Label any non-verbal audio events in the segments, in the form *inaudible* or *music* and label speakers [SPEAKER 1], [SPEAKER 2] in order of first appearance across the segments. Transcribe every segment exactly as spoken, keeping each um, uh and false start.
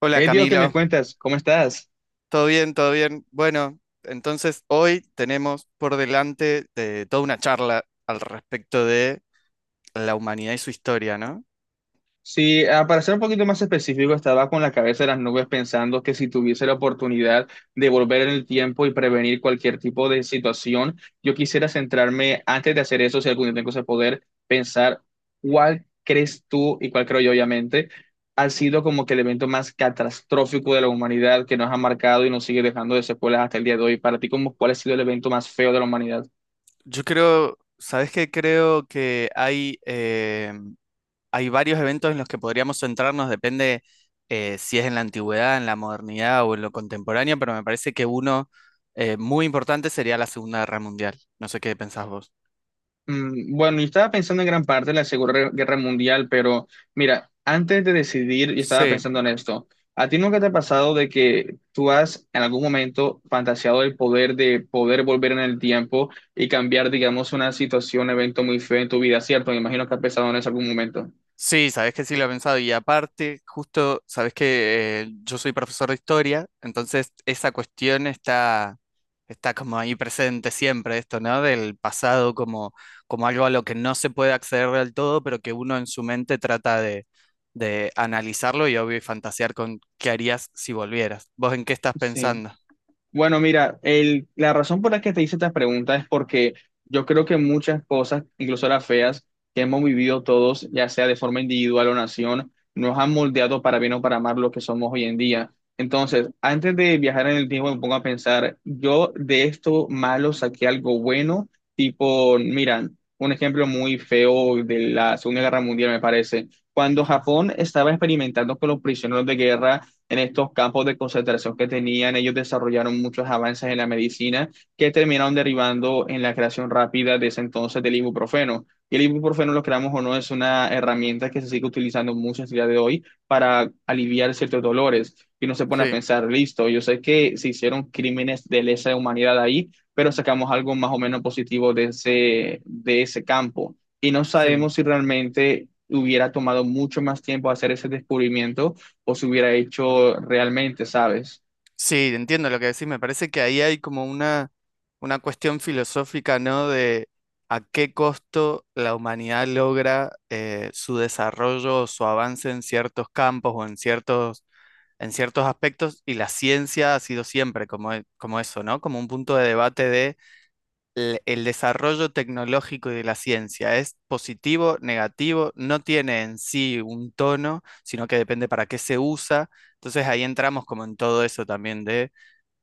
[SPEAKER 1] Hola
[SPEAKER 2] Hey Dios, ¿qué me
[SPEAKER 1] Camilo,
[SPEAKER 2] cuentas? ¿Cómo estás?
[SPEAKER 1] ¿todo bien? ¿Todo bien? Bueno, entonces hoy tenemos por delante de toda una charla al respecto de la humanidad y su historia, ¿no?
[SPEAKER 2] Sí, ah, para ser un poquito más específico, estaba con la cabeza en las nubes pensando que si tuviese la oportunidad de volver en el tiempo y prevenir cualquier tipo de situación, yo quisiera centrarme, antes de hacer eso, si algún día tengo ese poder, pensar cuál crees tú y cuál creo yo, obviamente, ha sido como que el evento más catastrófico de la humanidad que nos ha marcado y nos sigue dejando de secuelas hasta el día de hoy. Para ti, ¿cómo, cuál ha sido el evento más feo de la humanidad?
[SPEAKER 1] Yo creo, ¿sabes qué? Creo que hay, eh, hay varios eventos en los que podríamos centrarnos, depende eh, si es en la antigüedad, en la modernidad o en lo contemporáneo, pero me parece que uno eh, muy importante sería la Segunda Guerra Mundial. No sé qué pensás vos.
[SPEAKER 2] Mm, bueno, yo estaba pensando en gran parte en la Segunda Guerra Mundial, pero mira, antes de decidir, yo estaba
[SPEAKER 1] Sí.
[SPEAKER 2] pensando en esto. ¿A ti nunca te ha pasado de que tú has en algún momento fantaseado el poder de poder volver en el tiempo y cambiar, digamos, una situación, evento muy feo en tu vida, cierto? Me imagino que has pensado en eso en algún momento.
[SPEAKER 1] Sí, sabes que sí lo he pensado. Y aparte, justo, sabes que eh, yo soy profesor de historia, entonces esa cuestión está, está como ahí presente siempre, esto, ¿no? Del pasado como, como algo a lo que no se puede acceder del todo, pero que uno en su mente trata de, de analizarlo y obvio y fantasear con qué harías si volvieras. ¿Vos en qué estás
[SPEAKER 2] Sí.
[SPEAKER 1] pensando?
[SPEAKER 2] Bueno, mira, el, la razón por la que te hice estas preguntas es porque yo creo que muchas cosas, incluso las feas, que hemos vivido todos, ya sea de forma individual o nación, nos han moldeado para bien o para mal lo que somos hoy en día. Entonces, antes de viajar en el tiempo, me pongo a pensar, yo de esto malo saqué algo bueno, tipo, mira, un ejemplo muy feo de la Segunda Guerra Mundial, me parece. Cuando
[SPEAKER 1] Sí,
[SPEAKER 2] Japón estaba experimentando con los prisioneros de guerra, en estos campos de concentración que tenían, ellos desarrollaron muchos avances en la medicina que terminaron derivando en la creación rápida de ese entonces del ibuprofeno. Y el ibuprofeno, lo creamos o no, es una herramienta que se sigue utilizando mucho en el día de hoy para aliviar ciertos dolores. Y uno se pone a
[SPEAKER 1] sí,
[SPEAKER 2] pensar, listo, yo sé que se hicieron crímenes de lesa humanidad ahí, pero sacamos algo más o menos positivo de ese, de ese campo. Y no
[SPEAKER 1] sí.
[SPEAKER 2] sabemos si realmente hubiera tomado mucho más tiempo hacer ese descubrimiento o se hubiera hecho realmente, ¿sabes?
[SPEAKER 1] Sí, entiendo lo que decís. Me parece que ahí hay como una, una cuestión filosófica, ¿no? De a qué costo la humanidad logra eh, su desarrollo o su avance en ciertos campos o en ciertos, en ciertos aspectos. Y la ciencia ha sido siempre como, e- como eso, ¿no? Como un punto de debate de el, el desarrollo tecnológico y de la ciencia. ¿Es positivo, negativo? No tiene en sí un tono, sino que depende para qué se usa. Entonces ahí entramos como en todo eso también de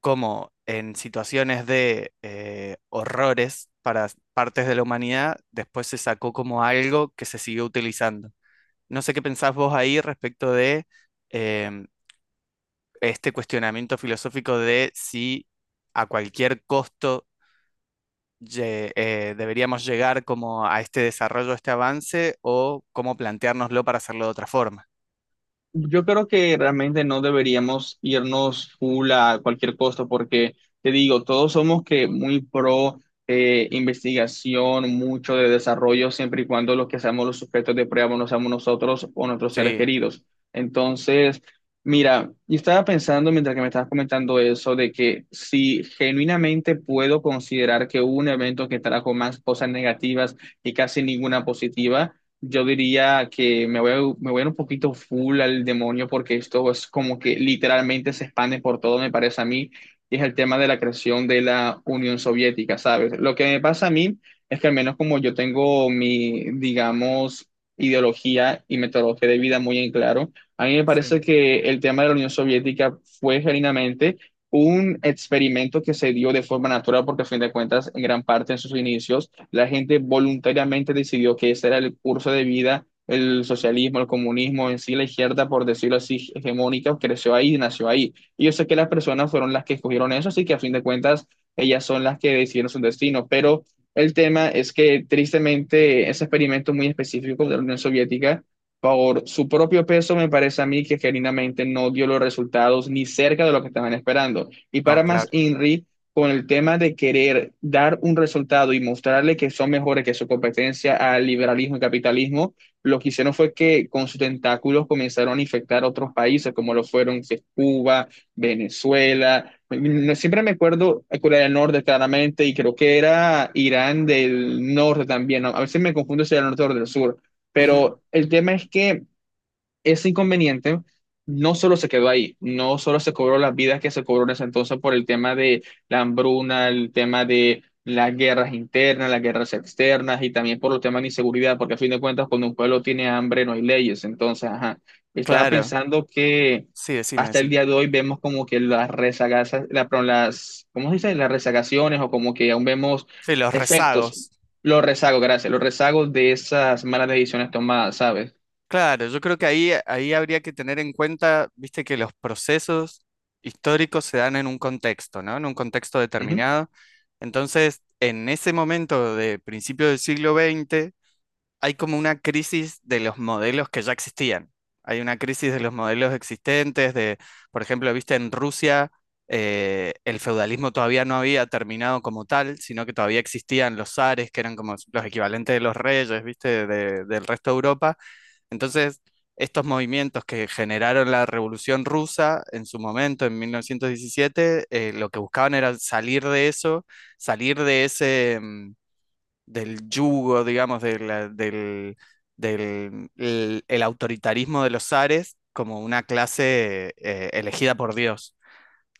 [SPEAKER 1] cómo en situaciones de eh, horrores para partes de la humanidad, después se sacó como algo que se siguió utilizando. No sé qué pensás vos ahí respecto de em, este cuestionamiento filosófico de si a cualquier costo lle- eh, deberíamos llegar como a este desarrollo, a este avance, o cómo planteárnoslo para hacerlo de otra forma.
[SPEAKER 2] Yo creo que realmente no deberíamos irnos full a cualquier costo porque, te digo, todos somos que muy pro eh, investigación, mucho de desarrollo, siempre y cuando los que seamos los sujetos de prueba no seamos nosotros o nuestros seres
[SPEAKER 1] Sí.
[SPEAKER 2] queridos. Entonces, mira, yo estaba pensando mientras que me estabas comentando eso, de que si genuinamente puedo considerar que hubo un evento que trajo más cosas negativas y casi ninguna positiva, yo diría que me voy, a- me voy a ir un poquito full al demonio porque esto es como que literalmente se expande por todo, me parece a mí, y es el tema de la creación de la Unión Soviética, ¿sabes? Lo que me pasa a mí es que al menos como yo tengo mi, digamos, ideología y metodología de vida muy en claro, a mí me
[SPEAKER 1] Sí,
[SPEAKER 2] parece que el tema de la Unión Soviética fue genuinamente un experimento que se dio de forma natural porque a fin de cuentas, en gran parte en sus inicios, la gente voluntariamente decidió que ese era el curso de vida, el socialismo, el comunismo, en sí la izquierda, por decirlo así, hegemónica, creció ahí, nació ahí. Y yo sé que las personas fueron las que escogieron eso, así que a fin de cuentas ellas son las que decidieron su destino. Pero el tema es que tristemente ese experimento muy específico de la Unión Soviética, por su propio peso, me parece a mí que genuinamente no dio los resultados ni cerca de lo que estaban esperando. Y
[SPEAKER 1] no,
[SPEAKER 2] para más
[SPEAKER 1] claro.
[SPEAKER 2] INRI, con el tema de querer dar un resultado y mostrarle que son mejores que su competencia al liberalismo y capitalismo, lo que hicieron fue que con sus tentáculos comenzaron a infectar otros países, como lo fueron que es Cuba, Venezuela. No- Siempre me acuerdo a Corea del Norte claramente y creo que era Irán del Norte también, ¿no? A veces me confundo si era del norte o del sur,
[SPEAKER 1] Ujú.
[SPEAKER 2] pero el tema es que ese inconveniente no solo se quedó ahí, no solo se cobró las vidas que se cobró en ese entonces por el tema de la hambruna, el tema de las guerras internas, las guerras externas y también por los temas de inseguridad, porque a fin de cuentas cuando un pueblo tiene hambre no hay leyes. Entonces, ajá, estaba
[SPEAKER 1] Claro,
[SPEAKER 2] pensando que
[SPEAKER 1] sí, decime,
[SPEAKER 2] hasta el
[SPEAKER 1] decime.
[SPEAKER 2] día de hoy vemos como que las rezagas, la, perdón, las, ¿cómo se dice? Las rezagaciones, o como que aún vemos
[SPEAKER 1] Sí, los
[SPEAKER 2] efectos,
[SPEAKER 1] rezagos.
[SPEAKER 2] los rezagos, gracias, los rezagos de esas malas decisiones tomadas, ¿sabes?
[SPEAKER 1] Claro, yo creo que ahí, ahí habría que tener en cuenta, viste, que los procesos históricos se dan en un contexto, ¿no? En un contexto
[SPEAKER 2] Ujú.
[SPEAKER 1] determinado. Entonces, en ese momento de principio del siglo veinte, hay como una crisis de los modelos que ya existían. Hay una crisis de los modelos existentes, de, por ejemplo, viste, en Rusia, eh, el feudalismo todavía no había terminado como tal, sino que todavía existían los zares, que eran como los equivalentes de los reyes, viste, de- del resto de Europa, entonces, estos movimientos que generaron la Revolución Rusa en su momento, en mil novecientos diecisiete, eh, lo que buscaban era salir de eso, salir de ese, mm, del yugo, digamos, de la- del, del el, el autoritarismo de los zares como una clase eh, elegida por Dios.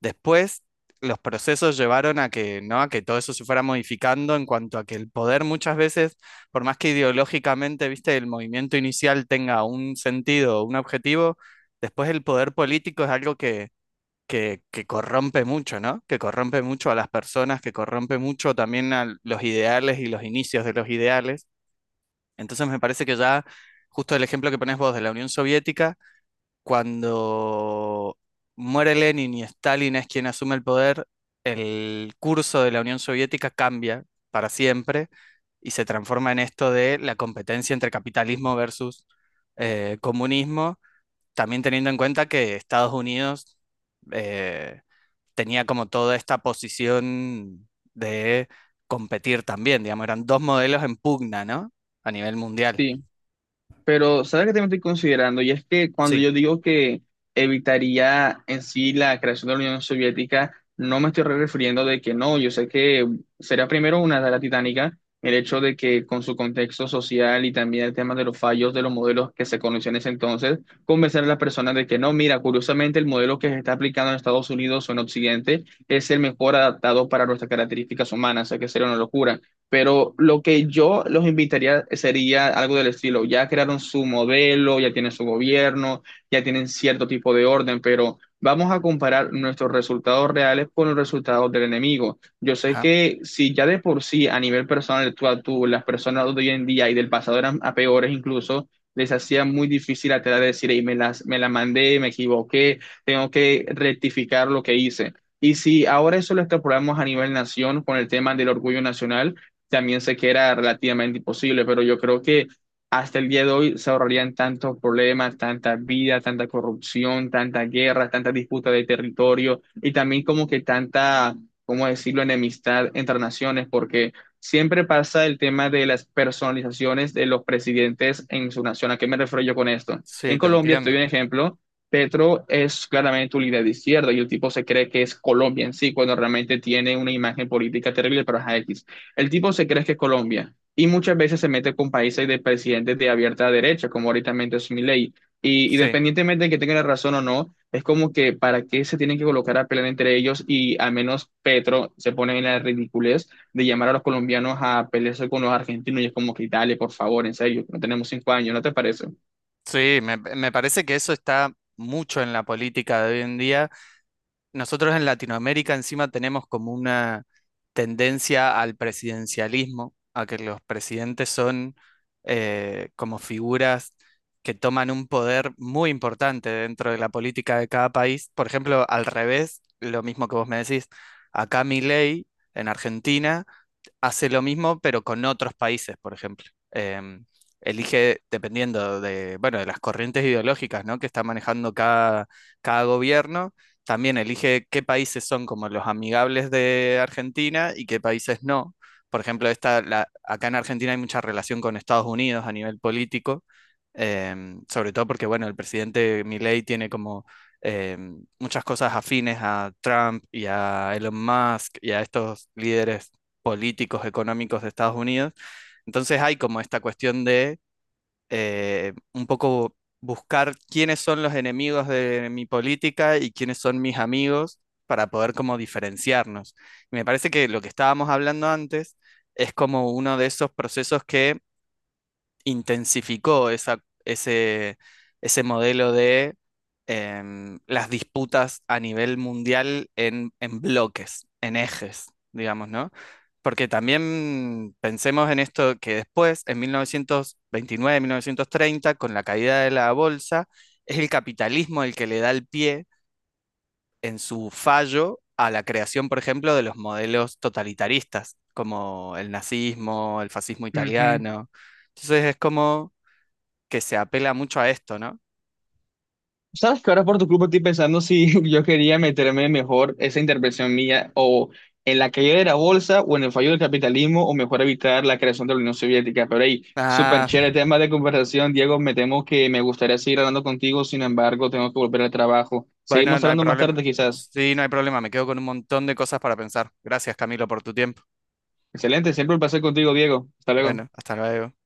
[SPEAKER 1] Después, los procesos llevaron a que, ¿no? a que todo eso se fuera modificando en cuanto a que el poder muchas veces, por más que ideológicamente, viste, el movimiento inicial tenga un sentido, un objetivo, después el poder político es algo que, que, que corrompe mucho, ¿no? Que corrompe mucho a las personas, que corrompe mucho también a los ideales y los inicios de los ideales. Entonces me parece que ya, justo el ejemplo que pones vos de la Unión Soviética, cuando muere Lenin y Stalin es quien asume el poder, el curso de la Unión Soviética cambia para siempre y se transforma en esto de la competencia entre capitalismo versus eh, comunismo, también teniendo en cuenta que Estados Unidos eh, tenía como toda esta posición de competir también, digamos, eran dos modelos en pugna, ¿no? A nivel mundial.
[SPEAKER 2] Sí. Pero ¿sabes qué también estoy considerando? Y es que cuando
[SPEAKER 1] Sí.
[SPEAKER 2] yo digo que evitaría en sí la creación de la Unión Soviética, no me estoy refiriendo de que no, yo sé que será primero una tarea titánica el hecho de que con su contexto social y también el tema de los fallos de los modelos que se conocían en ese entonces, convencer a las personas de que no, mira, curiosamente el modelo que se está aplicando en Estados Unidos o en Occidente es el mejor adaptado para nuestras características humanas, o sea que sería una locura. Pero lo que yo los invitaría sería algo del estilo, ya crearon su modelo, ya tienen su gobierno, ya tienen cierto tipo de orden, pero vamos a comparar nuestros resultados reales con los resultados del enemigo. Yo sé
[SPEAKER 1] Ajá.
[SPEAKER 2] que si ya de por sí a nivel personal tú a tú, las personas de hoy en día y del pasado eran a peores incluso, les hacía muy difícil a tela de decir: "Ey, me las, me la mandé, me equivoqué, tengo que rectificar lo que hice". Y si ahora eso lo extrapolamos a nivel nación con el tema del orgullo nacional, también sé que era relativamente imposible, pero yo creo que hasta el día de hoy se ahorrarían tantos problemas, tanta vida, tanta corrupción, tanta guerra, tanta disputa de territorio y también como que tanta, ¿cómo decirlo?, enemistad entre naciones, porque siempre pasa el tema de las personalizaciones de los presidentes en su nación. ¿A qué me refiero yo con esto? En
[SPEAKER 1] Sí, te
[SPEAKER 2] Colombia, te
[SPEAKER 1] entiendo.
[SPEAKER 2] doy un ejemplo. Petro es claramente un líder de izquierda y el tipo se cree que es Colombia en sí, cuando realmente tiene una imagen política terrible, pero es X. El tipo se cree que es Colombia y muchas veces se mete con países de presidentes de abierta derecha, como ahorita es Milei. Y, y
[SPEAKER 1] Sí.
[SPEAKER 2] independientemente de que tenga la razón o no, es como que para qué se tienen que colocar a pelear entre ellos y al menos Petro se pone en la ridiculez de llamar a los colombianos a pelearse con los argentinos y es como que dale, por favor, en serio, no tenemos cinco años, ¿no te parece?
[SPEAKER 1] Sí, me, me parece que eso está mucho en la política de hoy en día. Nosotros en Latinoamérica encima tenemos como una tendencia al presidencialismo, a que los presidentes son eh, como figuras que toman un poder muy importante dentro de la política de cada país. Por ejemplo, al revés, lo mismo que vos me decís, acá Milei en Argentina hace lo mismo, pero con otros países, por ejemplo. Em, elige, dependiendo de, bueno, de las corrientes ideológicas, ¿no? que está manejando cada, cada gobierno, también elige qué países son como los amigables de Argentina y qué países no. Por ejemplo, esta, la- acá en Argentina hay mucha relación con Estados Unidos a nivel político, em, sobre todo porque, bueno, el presidente Milei tiene como em, muchas cosas afines a Trump y a Elon Musk y a estos líderes políticos, económicos de Estados Unidos. Entonces hay como esta cuestión de eh, un poco buscar quiénes son los enemigos de mi política y quiénes son mis amigos para poder como diferenciarnos. Y me parece que lo que estábamos hablando antes es como uno de esos procesos que intensificó esa, ese, ese modelo de em, las disputas a nivel mundial en, en bloques, en ejes, digamos, ¿no? Porque también pensemos en esto que después, en mil mil novecientos veintinueve mil novecientos treinta con la caída de la bolsa, es el capitalismo el que le da el pie en su fallo a la creación, por ejemplo, de los modelos totalitaristas, como el nazismo, el fascismo
[SPEAKER 2] Ujú.
[SPEAKER 1] italiano. Entonces es como que se apela mucho a esto, ¿no?
[SPEAKER 2] Sabes que ahora por tu club estoy pensando si *laughs* yo quería meterme mejor esa intervención mía o en la caída de la bolsa o en el fallo del capitalismo o mejor evitar la creación de la Unión Soviética. Pero hey, súper
[SPEAKER 1] Ah,
[SPEAKER 2] chévere tema de conversación, Diego. Me temo que me gustaría seguir hablando contigo; sin embargo, tengo que volver al trabajo.
[SPEAKER 1] bueno,
[SPEAKER 2] Seguimos
[SPEAKER 1] no hay
[SPEAKER 2] hablando más
[SPEAKER 1] problema.
[SPEAKER 2] tarde quizás.
[SPEAKER 1] Sí, no hay problema, me quedo con un montón de cosas para pensar. Gracias, Camilo, por tu tiempo.
[SPEAKER 2] Excelente, siempre un placer contigo, Diego. Hasta luego.
[SPEAKER 1] Bueno, hasta luego.